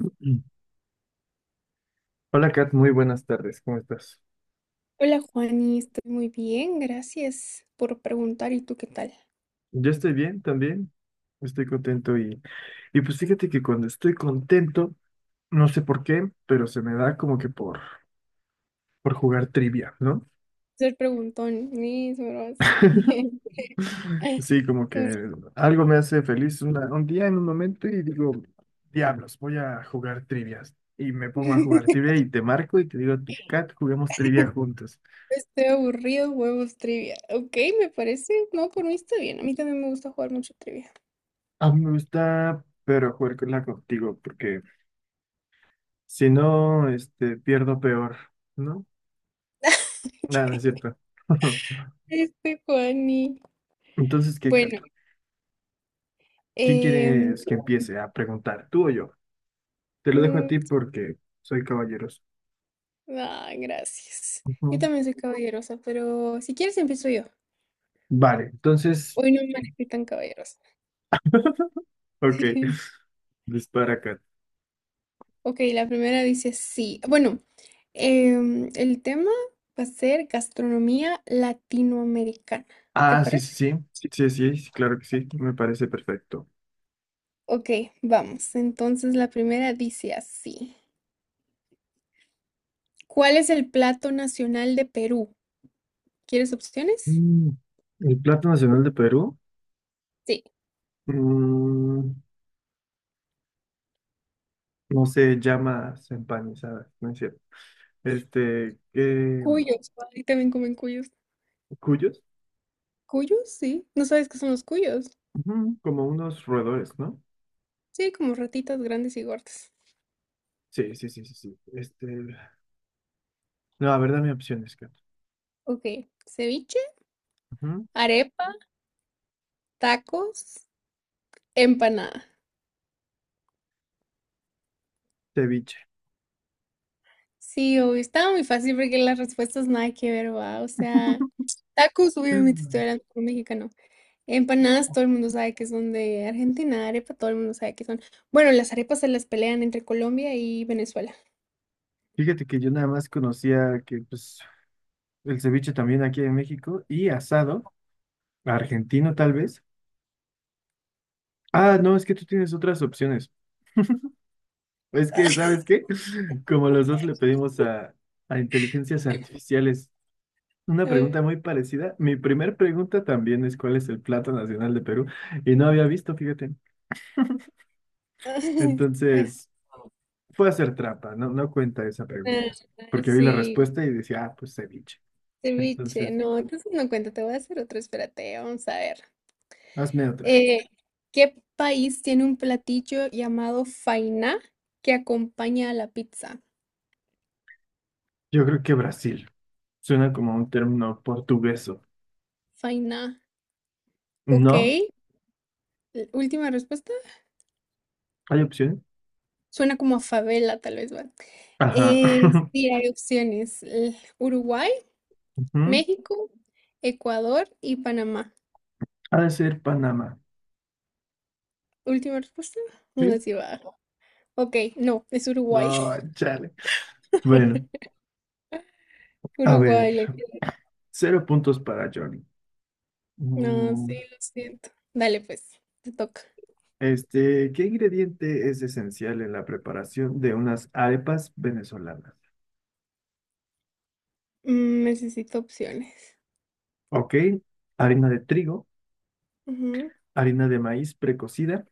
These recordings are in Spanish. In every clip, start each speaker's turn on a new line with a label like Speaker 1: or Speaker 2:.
Speaker 1: Mm. Hola, Kat, muy buenas tardes, ¿cómo estás?
Speaker 2: Hola Juani, estoy muy bien, gracias por preguntar. ¿Y tú qué tal?
Speaker 1: Yo estoy bien también, estoy contento y pues fíjate que cuando estoy contento, no sé por qué, pero se me da como que por jugar trivia, ¿no?
Speaker 2: Ser preguntón, mis bros.
Speaker 1: Sí, como que algo me hace feliz un día en un momento y digo, diablos, voy a jugar trivias. Y me pongo a jugar trivia y te marco y te digo, Kat, juguemos trivia juntos.
Speaker 2: Estoy aburrido, huevos trivia. Ok, me parece. No, por mí está bien. A mí también me gusta jugar mucho trivia.
Speaker 1: A mí me gusta, pero jugarla contigo, porque si no, pierdo peor, ¿no? Nada, no es cierto.
Speaker 2: Este Juani.
Speaker 1: Entonces, ¿qué,
Speaker 2: Bueno,
Speaker 1: Cato? ¿Quién
Speaker 2: em,
Speaker 1: quieres que empiece a preguntar? ¿Tú o yo? Te lo dejo a
Speaker 2: mm,
Speaker 1: ti porque soy caballeroso.
Speaker 2: gracias. Yo
Speaker 1: Ujú.
Speaker 2: también soy caballerosa, pero si quieres empiezo yo.
Speaker 1: Vale, entonces,
Speaker 2: Hoy no me elegí tan caballerosa.
Speaker 1: ok, dispara, Cato.
Speaker 2: Ok, la primera dice sí. Bueno, el tema va a ser gastronomía latinoamericana. ¿Te
Speaker 1: Ah, sí, sí,
Speaker 2: parece?
Speaker 1: sí. Sí, sí, sí, claro que sí. Me parece perfecto.
Speaker 2: Ok, vamos. Entonces la primera dice así. ¿Cuál es el plato nacional de Perú? ¿Quieres opciones?
Speaker 1: Mm, el plato nacional de Perú,
Speaker 2: Sí.
Speaker 1: mm, no sé, llamas empanizadas, no es cierto. Este, eh,
Speaker 2: Cuyos. Ahí también comen cuyos.
Speaker 1: cuyos.
Speaker 2: ¿Cuyos? Sí. ¿No sabes qué son los cuyos?
Speaker 1: Ujú, como unos roedores, ¿no?
Speaker 2: Sí, como ratitas grandes y gordas.
Speaker 1: Sí, sí, sí, sí, sí. No, a ver, dame opciones.
Speaker 2: Ok. Ceviche,
Speaker 1: Ujú.
Speaker 2: arepa, tacos, empanada.
Speaker 1: Ceviche.
Speaker 2: Sí, obvio, estaba muy fácil porque las respuestas nada que ver, va. O sea, tacos, obviamente estoy hablando por mexicano. Empanadas, todo el mundo sabe que son de Argentina. Arepa, todo el mundo sabe que son. Bueno, las arepas se las pelean entre Colombia y Venezuela.
Speaker 1: Fíjate que yo nada más conocía que pues el ceviche también aquí en México y asado, argentino tal vez. Ah, no, es que tú tienes otras opciones. Es que, ¿sabes qué? Como los dos le pedimos a inteligencias artificiales una
Speaker 2: Eh,
Speaker 1: pregunta muy parecida, mi primer pregunta también es ¿cuál es el plato nacional de Perú? Y no había visto, fíjate. Entonces, fue a hacer trampa, no cuenta esa pregunta,
Speaker 2: Ah,
Speaker 1: porque vi la
Speaker 2: sí,
Speaker 1: respuesta y decía, ah, pues ceviche.
Speaker 2: ceviche.
Speaker 1: Entonces,
Speaker 2: No, entonces no cuenta. Te voy a hacer otro. Espérate, vamos a ver.
Speaker 1: hazme otra.
Speaker 2: Eh, ¿Qué país tiene un platillo llamado faina que acompaña a la pizza?
Speaker 1: Yo creo que Brasil. Suena como un término portugueso.
Speaker 2: Faina. Ok.
Speaker 1: ¿No?
Speaker 2: Última respuesta.
Speaker 1: ¿Hay opciones?
Speaker 2: Suena como a favela, tal vez, ¿va?
Speaker 1: Ajá.
Speaker 2: Sí, hay opciones. Uruguay,
Speaker 1: Ujú.
Speaker 2: México, Ecuador y Panamá.
Speaker 1: Ha de ser Panamá.
Speaker 2: Última respuesta. No sé
Speaker 1: ¿Sí?
Speaker 2: si va. Ok, no, es Uruguay.
Speaker 1: No, chale. Bueno, a ver.
Speaker 2: Uruguay, lo siento.
Speaker 1: Cero puntos para Johnny.
Speaker 2: No, sí,
Speaker 1: Mm,
Speaker 2: lo siento. Dale, pues, te toca.
Speaker 1: este, ¿qué ingrediente es esencial en la preparación de unas arepas venezolanas?
Speaker 2: Mm, necesito opciones.
Speaker 1: Ok, harina de trigo,
Speaker 2: Ujú.
Speaker 1: harina de maíz precocida,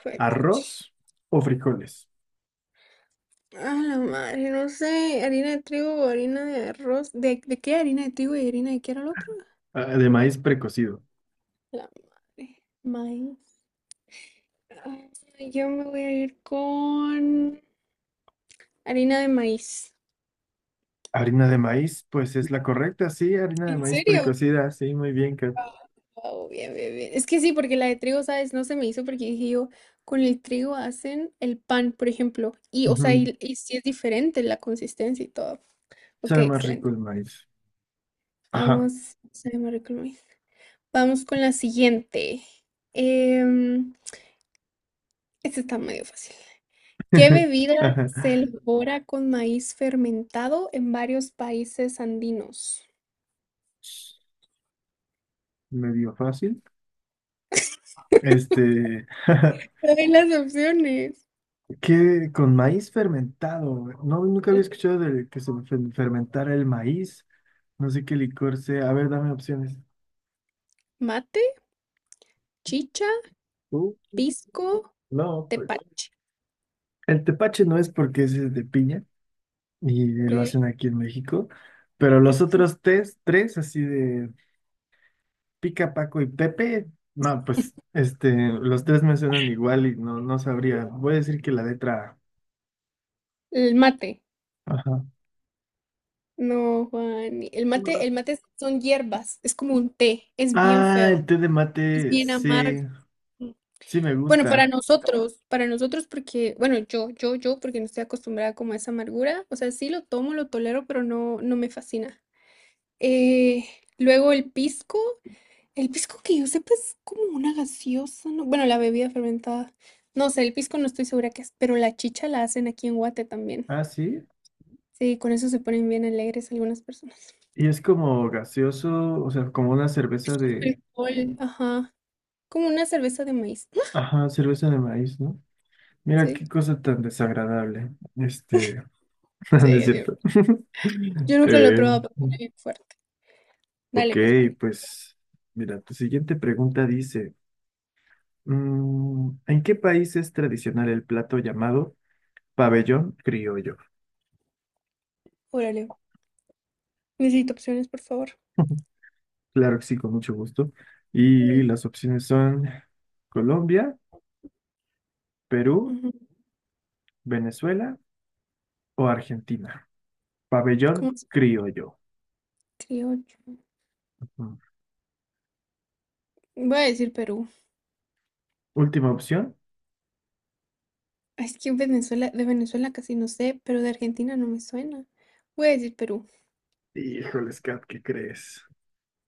Speaker 2: Fue, puch.
Speaker 1: arroz o frijoles.
Speaker 2: A la madre, no sé, harina de trigo o harina de arroz. ¿De qué harina de trigo y harina de qué era el otro?
Speaker 1: Ah, de maíz precocido.
Speaker 2: La madre. Maíz. Ay, yo me voy a ir con harina de maíz.
Speaker 1: Harina de maíz, pues es la correcta, sí, harina de
Speaker 2: ¿En
Speaker 1: maíz
Speaker 2: serio?
Speaker 1: precocida, sí, muy bien, Kat.
Speaker 2: Wow, bien, bien, bien. Es que sí, porque la de trigo, ¿sabes? No se me hizo porque dije yo, con el trigo hacen el pan, por ejemplo. Y, o sea,
Speaker 1: Ujú.
Speaker 2: y sí es diferente la consistencia y todo. Ok,
Speaker 1: Sabe más rico
Speaker 2: excelente.
Speaker 1: el maíz. Ajá.
Speaker 2: Vamos, se me arregló el maíz. Vamos con la siguiente. Em, Este está medio fácil. ¿Qué bebida se
Speaker 1: Ajá.
Speaker 2: elabora con maíz fermentado en varios países andinos?
Speaker 1: Medio fácil. Este,
Speaker 2: Trae las opciones.
Speaker 1: ¿qué con maíz fermentado? No, nunca había escuchado del que se fermentara el maíz. No sé qué licor sea. A ver, dame opciones.
Speaker 2: Mate, chicha,
Speaker 1: Uh,
Speaker 2: pisco,
Speaker 1: no, pues.
Speaker 2: tepache.
Speaker 1: El tepache no es porque es de piña y
Speaker 2: Ok,
Speaker 1: lo hacen aquí en México. Pero los
Speaker 2: ok.
Speaker 1: otros tres, así de, Pica, Paco y Pepe. No, pues este, los tres me suenan igual y no, no sabría. Voy a decir que la letra
Speaker 2: El mate.
Speaker 1: A. Ajá.
Speaker 2: No, Juan. El mate son hierbas. Es como un té. Es bien
Speaker 1: Ah, el
Speaker 2: feo.
Speaker 1: té de mate,
Speaker 2: Es bien
Speaker 1: sí,
Speaker 2: amargo.
Speaker 1: sí me
Speaker 2: Bueno,
Speaker 1: gusta.
Speaker 2: para nosotros porque, bueno, yo, porque no estoy acostumbrada como a esa amargura. O sea, sí lo tomo, lo tolero, pero no, no me fascina. Eh, luego el pisco. El pisco que yo sepa es como una gaseosa, ¿no? Bueno, la bebida fermentada. No sé, el pisco no estoy segura qué es, pero la chicha la hacen aquí en Guate también.
Speaker 1: Ah, sí.
Speaker 2: Sí, con eso se ponen bien alegres algunas personas.
Speaker 1: Y es como gaseoso, o sea, como una cerveza de,
Speaker 2: Alcohol. Ajá. Como una cerveza de maíz.
Speaker 1: ajá, cerveza de maíz, ¿no? Mira
Speaker 2: Sí,
Speaker 1: qué cosa tan desagradable. Este,
Speaker 2: sí,
Speaker 1: no es
Speaker 2: es bien.
Speaker 1: cierto.
Speaker 2: Yo nunca lo he
Speaker 1: Eh,
Speaker 2: probado, pero es bien fuerte.
Speaker 1: ok,
Speaker 2: Dale, pues, Juan.
Speaker 1: pues, mira, tu siguiente pregunta dice. Mm, ¿en qué país es tradicional el plato llamado pabellón criollo?
Speaker 2: Órale. Necesito opciones, por favor.
Speaker 1: Claro que sí, con mucho gusto. Y
Speaker 2: Eh,
Speaker 1: las opciones son Colombia, Perú,
Speaker 2: ujú,
Speaker 1: Venezuela o Argentina. Pabellón
Speaker 2: ¿Cómo se
Speaker 1: criollo.
Speaker 2: criollo?
Speaker 1: Mm.
Speaker 2: Voy a decir Perú.
Speaker 1: Última opción.
Speaker 2: Es que en Venezuela, de Venezuela casi no sé, pero de Argentina no me suena. Voy a decir Perú,
Speaker 1: Híjoles, Kat, ¿qué crees?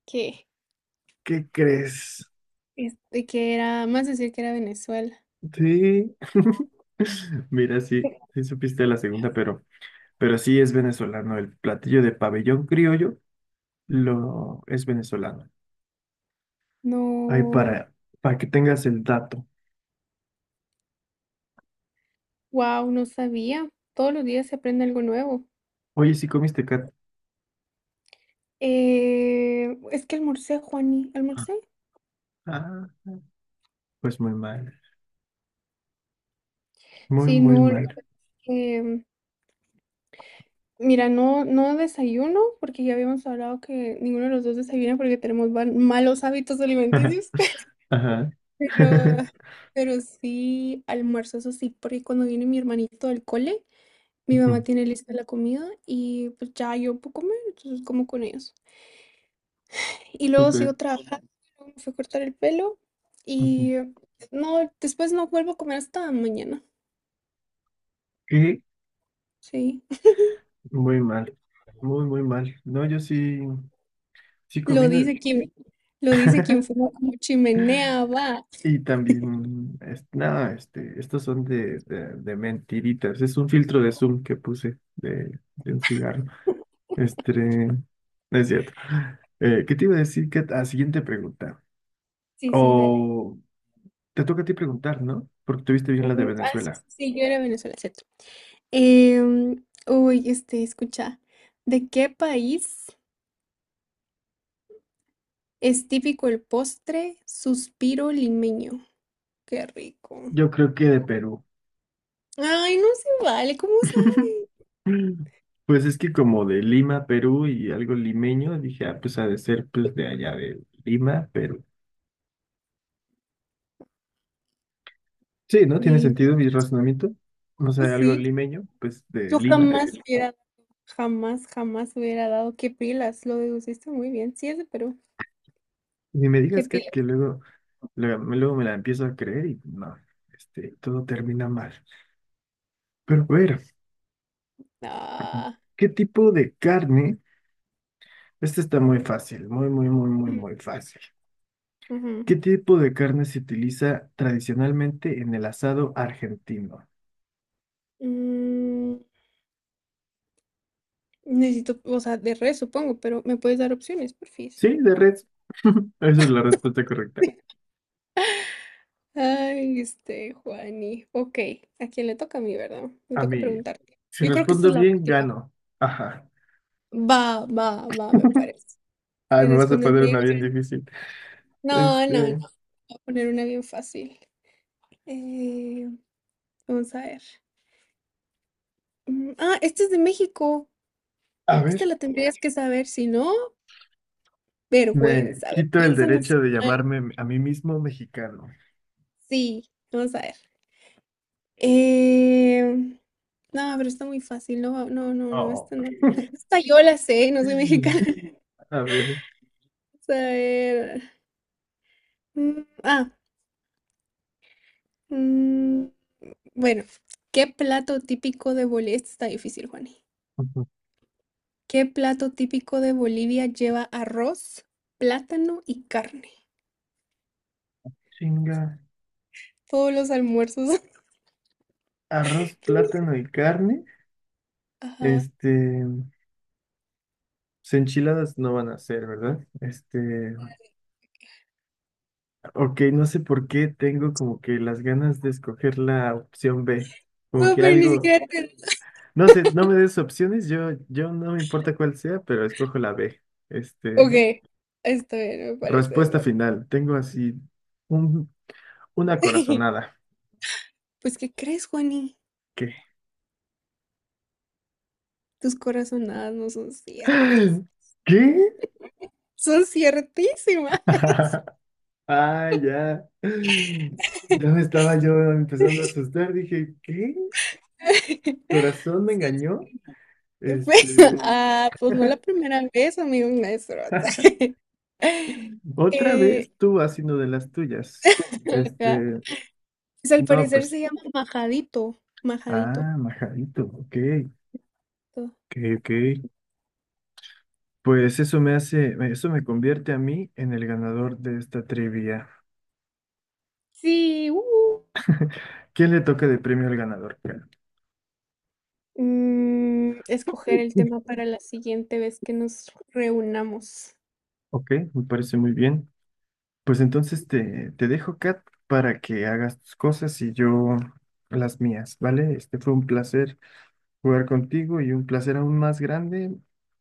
Speaker 2: que,
Speaker 1: ¿Qué crees?
Speaker 2: este, que era, más decir que era Venezuela.
Speaker 1: Sí. Mira, sí, sí supiste la segunda, pero sí es venezolano. El platillo de pabellón criollo lo es venezolano. Ahí
Speaker 2: No,
Speaker 1: para que tengas el dato.
Speaker 2: wow, no sabía. Todos los días se aprende algo nuevo.
Speaker 1: Oye, si comiste, Cat.
Speaker 2: Es que almorcé, Juani, almorcé.
Speaker 1: Ah, pues muy mal. Muy,
Speaker 2: Sí,
Speaker 1: muy
Speaker 2: no, la
Speaker 1: mal.
Speaker 2: verdad que, mira, no, no desayuno, porque ya habíamos hablado que ninguno de los dos desayuna porque tenemos malos hábitos alimenticios.
Speaker 1: Ajá.
Speaker 2: Pero, pero sí almuerzo, eso sí, porque cuando viene mi hermanito del cole, mi mamá
Speaker 1: Ujú.
Speaker 2: tiene lista la comida y pues ya yo puedo comer, entonces como con ellos. Y luego sigo
Speaker 1: Súper.
Speaker 2: trabajando, luego me fui a cortar el pelo
Speaker 1: Ujú.
Speaker 2: y no, después no vuelvo a comer hasta mañana,
Speaker 1: ¿Qué?
Speaker 2: sí.
Speaker 1: Muy mal. Muy, muy mal. No, yo sí, sí comí.
Speaker 2: Lo
Speaker 1: No.
Speaker 2: dice quien, lo dice quien fuma como chimenea, va.
Speaker 1: Y también, no, este, estos son de mentiritas. Es un filtro de Zoom que puse de un cigarro. Este, no es cierto. ¿Qué te iba a decir? ¿Qué, ¿a siguiente pregunta?
Speaker 2: Sí, sí, dale.
Speaker 1: O. Te toca a ti preguntar, ¿no? Porque tuviste bien la de
Speaker 2: Sí,
Speaker 1: Venezuela.
Speaker 2: sí, sí, yo era de Venezuela, cierto. Uy, este, escucha, ¿de qué país? Es típico el postre suspiro limeño. Qué rico.
Speaker 1: Yo creo que de Perú.
Speaker 2: Ay, no se vale. ¿Cómo sabe?
Speaker 1: Mm. Pues es que como de Lima, Perú y algo limeño, dije, ah, pues ha de ser pues de allá de Lima, Perú. Sí, ¿no? ¿Tiene
Speaker 2: Lim-
Speaker 1: sentido mi razonamiento? O sea, algo
Speaker 2: Sí,
Speaker 1: limeño, pues de
Speaker 2: yo
Speaker 1: Lima.
Speaker 2: jamás hubiera, jamás, jamás hubiera dado. Qué pilas, lo deduciste muy bien. Sí, es de Perú.
Speaker 1: Ni me
Speaker 2: Qué
Speaker 1: digas
Speaker 2: pilas.
Speaker 1: que luego, luego me la empiezo a creer y no, este, todo termina mal. Pero a ver,
Speaker 2: Ah.
Speaker 1: ¿qué tipo de carne? Este está muy fácil, muy, muy, muy, muy, muy fácil.
Speaker 2: Ujú.
Speaker 1: ¿Qué tipo de carne se utiliza tradicionalmente en el asado argentino?
Speaker 2: Mm, necesito, o sea, de res, supongo, pero me puedes dar opciones, porfis.
Speaker 1: Sí, de res. Esa es la respuesta correcta.
Speaker 2: Ay, este, Juani. Ok, ¿a quién le toca a mí, verdad? Me
Speaker 1: A
Speaker 2: toca
Speaker 1: mí,
Speaker 2: preguntarte.
Speaker 1: si
Speaker 2: Yo creo que esta
Speaker 1: respondo
Speaker 2: es la
Speaker 1: bien,
Speaker 2: última.
Speaker 1: gano. Ajá.
Speaker 2: Va, va, va, me parece.
Speaker 1: Ay,
Speaker 2: Si
Speaker 1: me vas a
Speaker 2: respondes
Speaker 1: poner
Speaker 2: bien.
Speaker 1: una bien difícil.
Speaker 2: No, no, no.
Speaker 1: Este,
Speaker 2: Voy a poner una bien fácil. Eh, vamos a ver. Esta es de México.
Speaker 1: a
Speaker 2: Esta
Speaker 1: ver,
Speaker 2: la tendrías que saber, si no,
Speaker 1: me
Speaker 2: vergüenza,
Speaker 1: quito el
Speaker 2: vergüenza
Speaker 1: derecho de
Speaker 2: nacional.
Speaker 1: llamarme a mí mismo mexicano.
Speaker 2: Sí, vamos a ver. Eh, no, pero está muy fácil. No, no, no, no,
Speaker 1: Oh.
Speaker 2: esta no. Hasta yo la sé, no soy mexicana.
Speaker 1: A ver,
Speaker 2: Vamos a ver. Mm, Ah, mm, bueno, ¿qué plato típico de Bolivia? Esta está difícil, Juani. ¿Qué plato típico de Bolivia lleva arroz, plátano y carne?
Speaker 1: chinga.
Speaker 2: Todos los almuerzos.
Speaker 1: Arroz, plátano y carne.
Speaker 2: Ajá.
Speaker 1: Este, pues, enchiladas no van a ser, ¿verdad? Este, ok, no sé por qué tengo como que las ganas de escoger la opción B. Como
Speaker 2: No,
Speaker 1: que
Speaker 2: pero ni
Speaker 1: algo,
Speaker 2: siquiera te...
Speaker 1: no sé, no me des opciones, yo, no me importa cuál sea, pero escojo la B. Este,
Speaker 2: Ok, está bien, me parece, me
Speaker 1: respuesta
Speaker 2: parece.
Speaker 1: final. Tengo así un, una corazonada.
Speaker 2: Pues, ¿qué crees, Juani?
Speaker 1: ¿Qué?
Speaker 2: Tus corazonadas no son ciertas.
Speaker 1: ¿Qué?
Speaker 2: Son ciertísimas.
Speaker 1: Ah, ya. Ya me estaba yo empezando a asustar. Dije, ¿qué? ¿Corazón me
Speaker 2: Sí,
Speaker 1: engañó?
Speaker 2: pues,
Speaker 1: Este,
Speaker 2: ah, pues no la primera vez, amigo maestro.
Speaker 1: otra
Speaker 2: Eh,
Speaker 1: vez tú haciendo de las tuyas.
Speaker 2: ajá.
Speaker 1: Este,
Speaker 2: Pues al
Speaker 1: no,
Speaker 2: parecer
Speaker 1: pues,
Speaker 2: se llama majadito, majadito.
Speaker 1: ah, majadito, ok, ok, ok. Pues eso me hace, eso me convierte a mí en el ganador de esta trivia.
Speaker 2: Sí, uh.
Speaker 1: ¿Quién le toca de premio al ganador, Kat?
Speaker 2: Mm, escoger el tema para la siguiente vez que nos reunamos.
Speaker 1: Ok, me parece muy bien. Pues entonces te dejo, Kat, para que hagas tus cosas y yo las mías, ¿vale? Este fue un placer jugar contigo y un placer aún más grande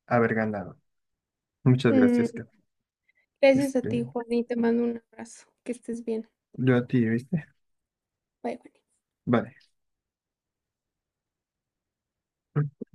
Speaker 1: haber ganado. Muchas
Speaker 2: Mm,
Speaker 1: gracias, Kat.
Speaker 2: gracias a ti,
Speaker 1: Este,
Speaker 2: Juan, y te mando un abrazo. Que estés bien.
Speaker 1: yo a ti, ¿viste?
Speaker 2: Bye, bye.
Speaker 1: Vale.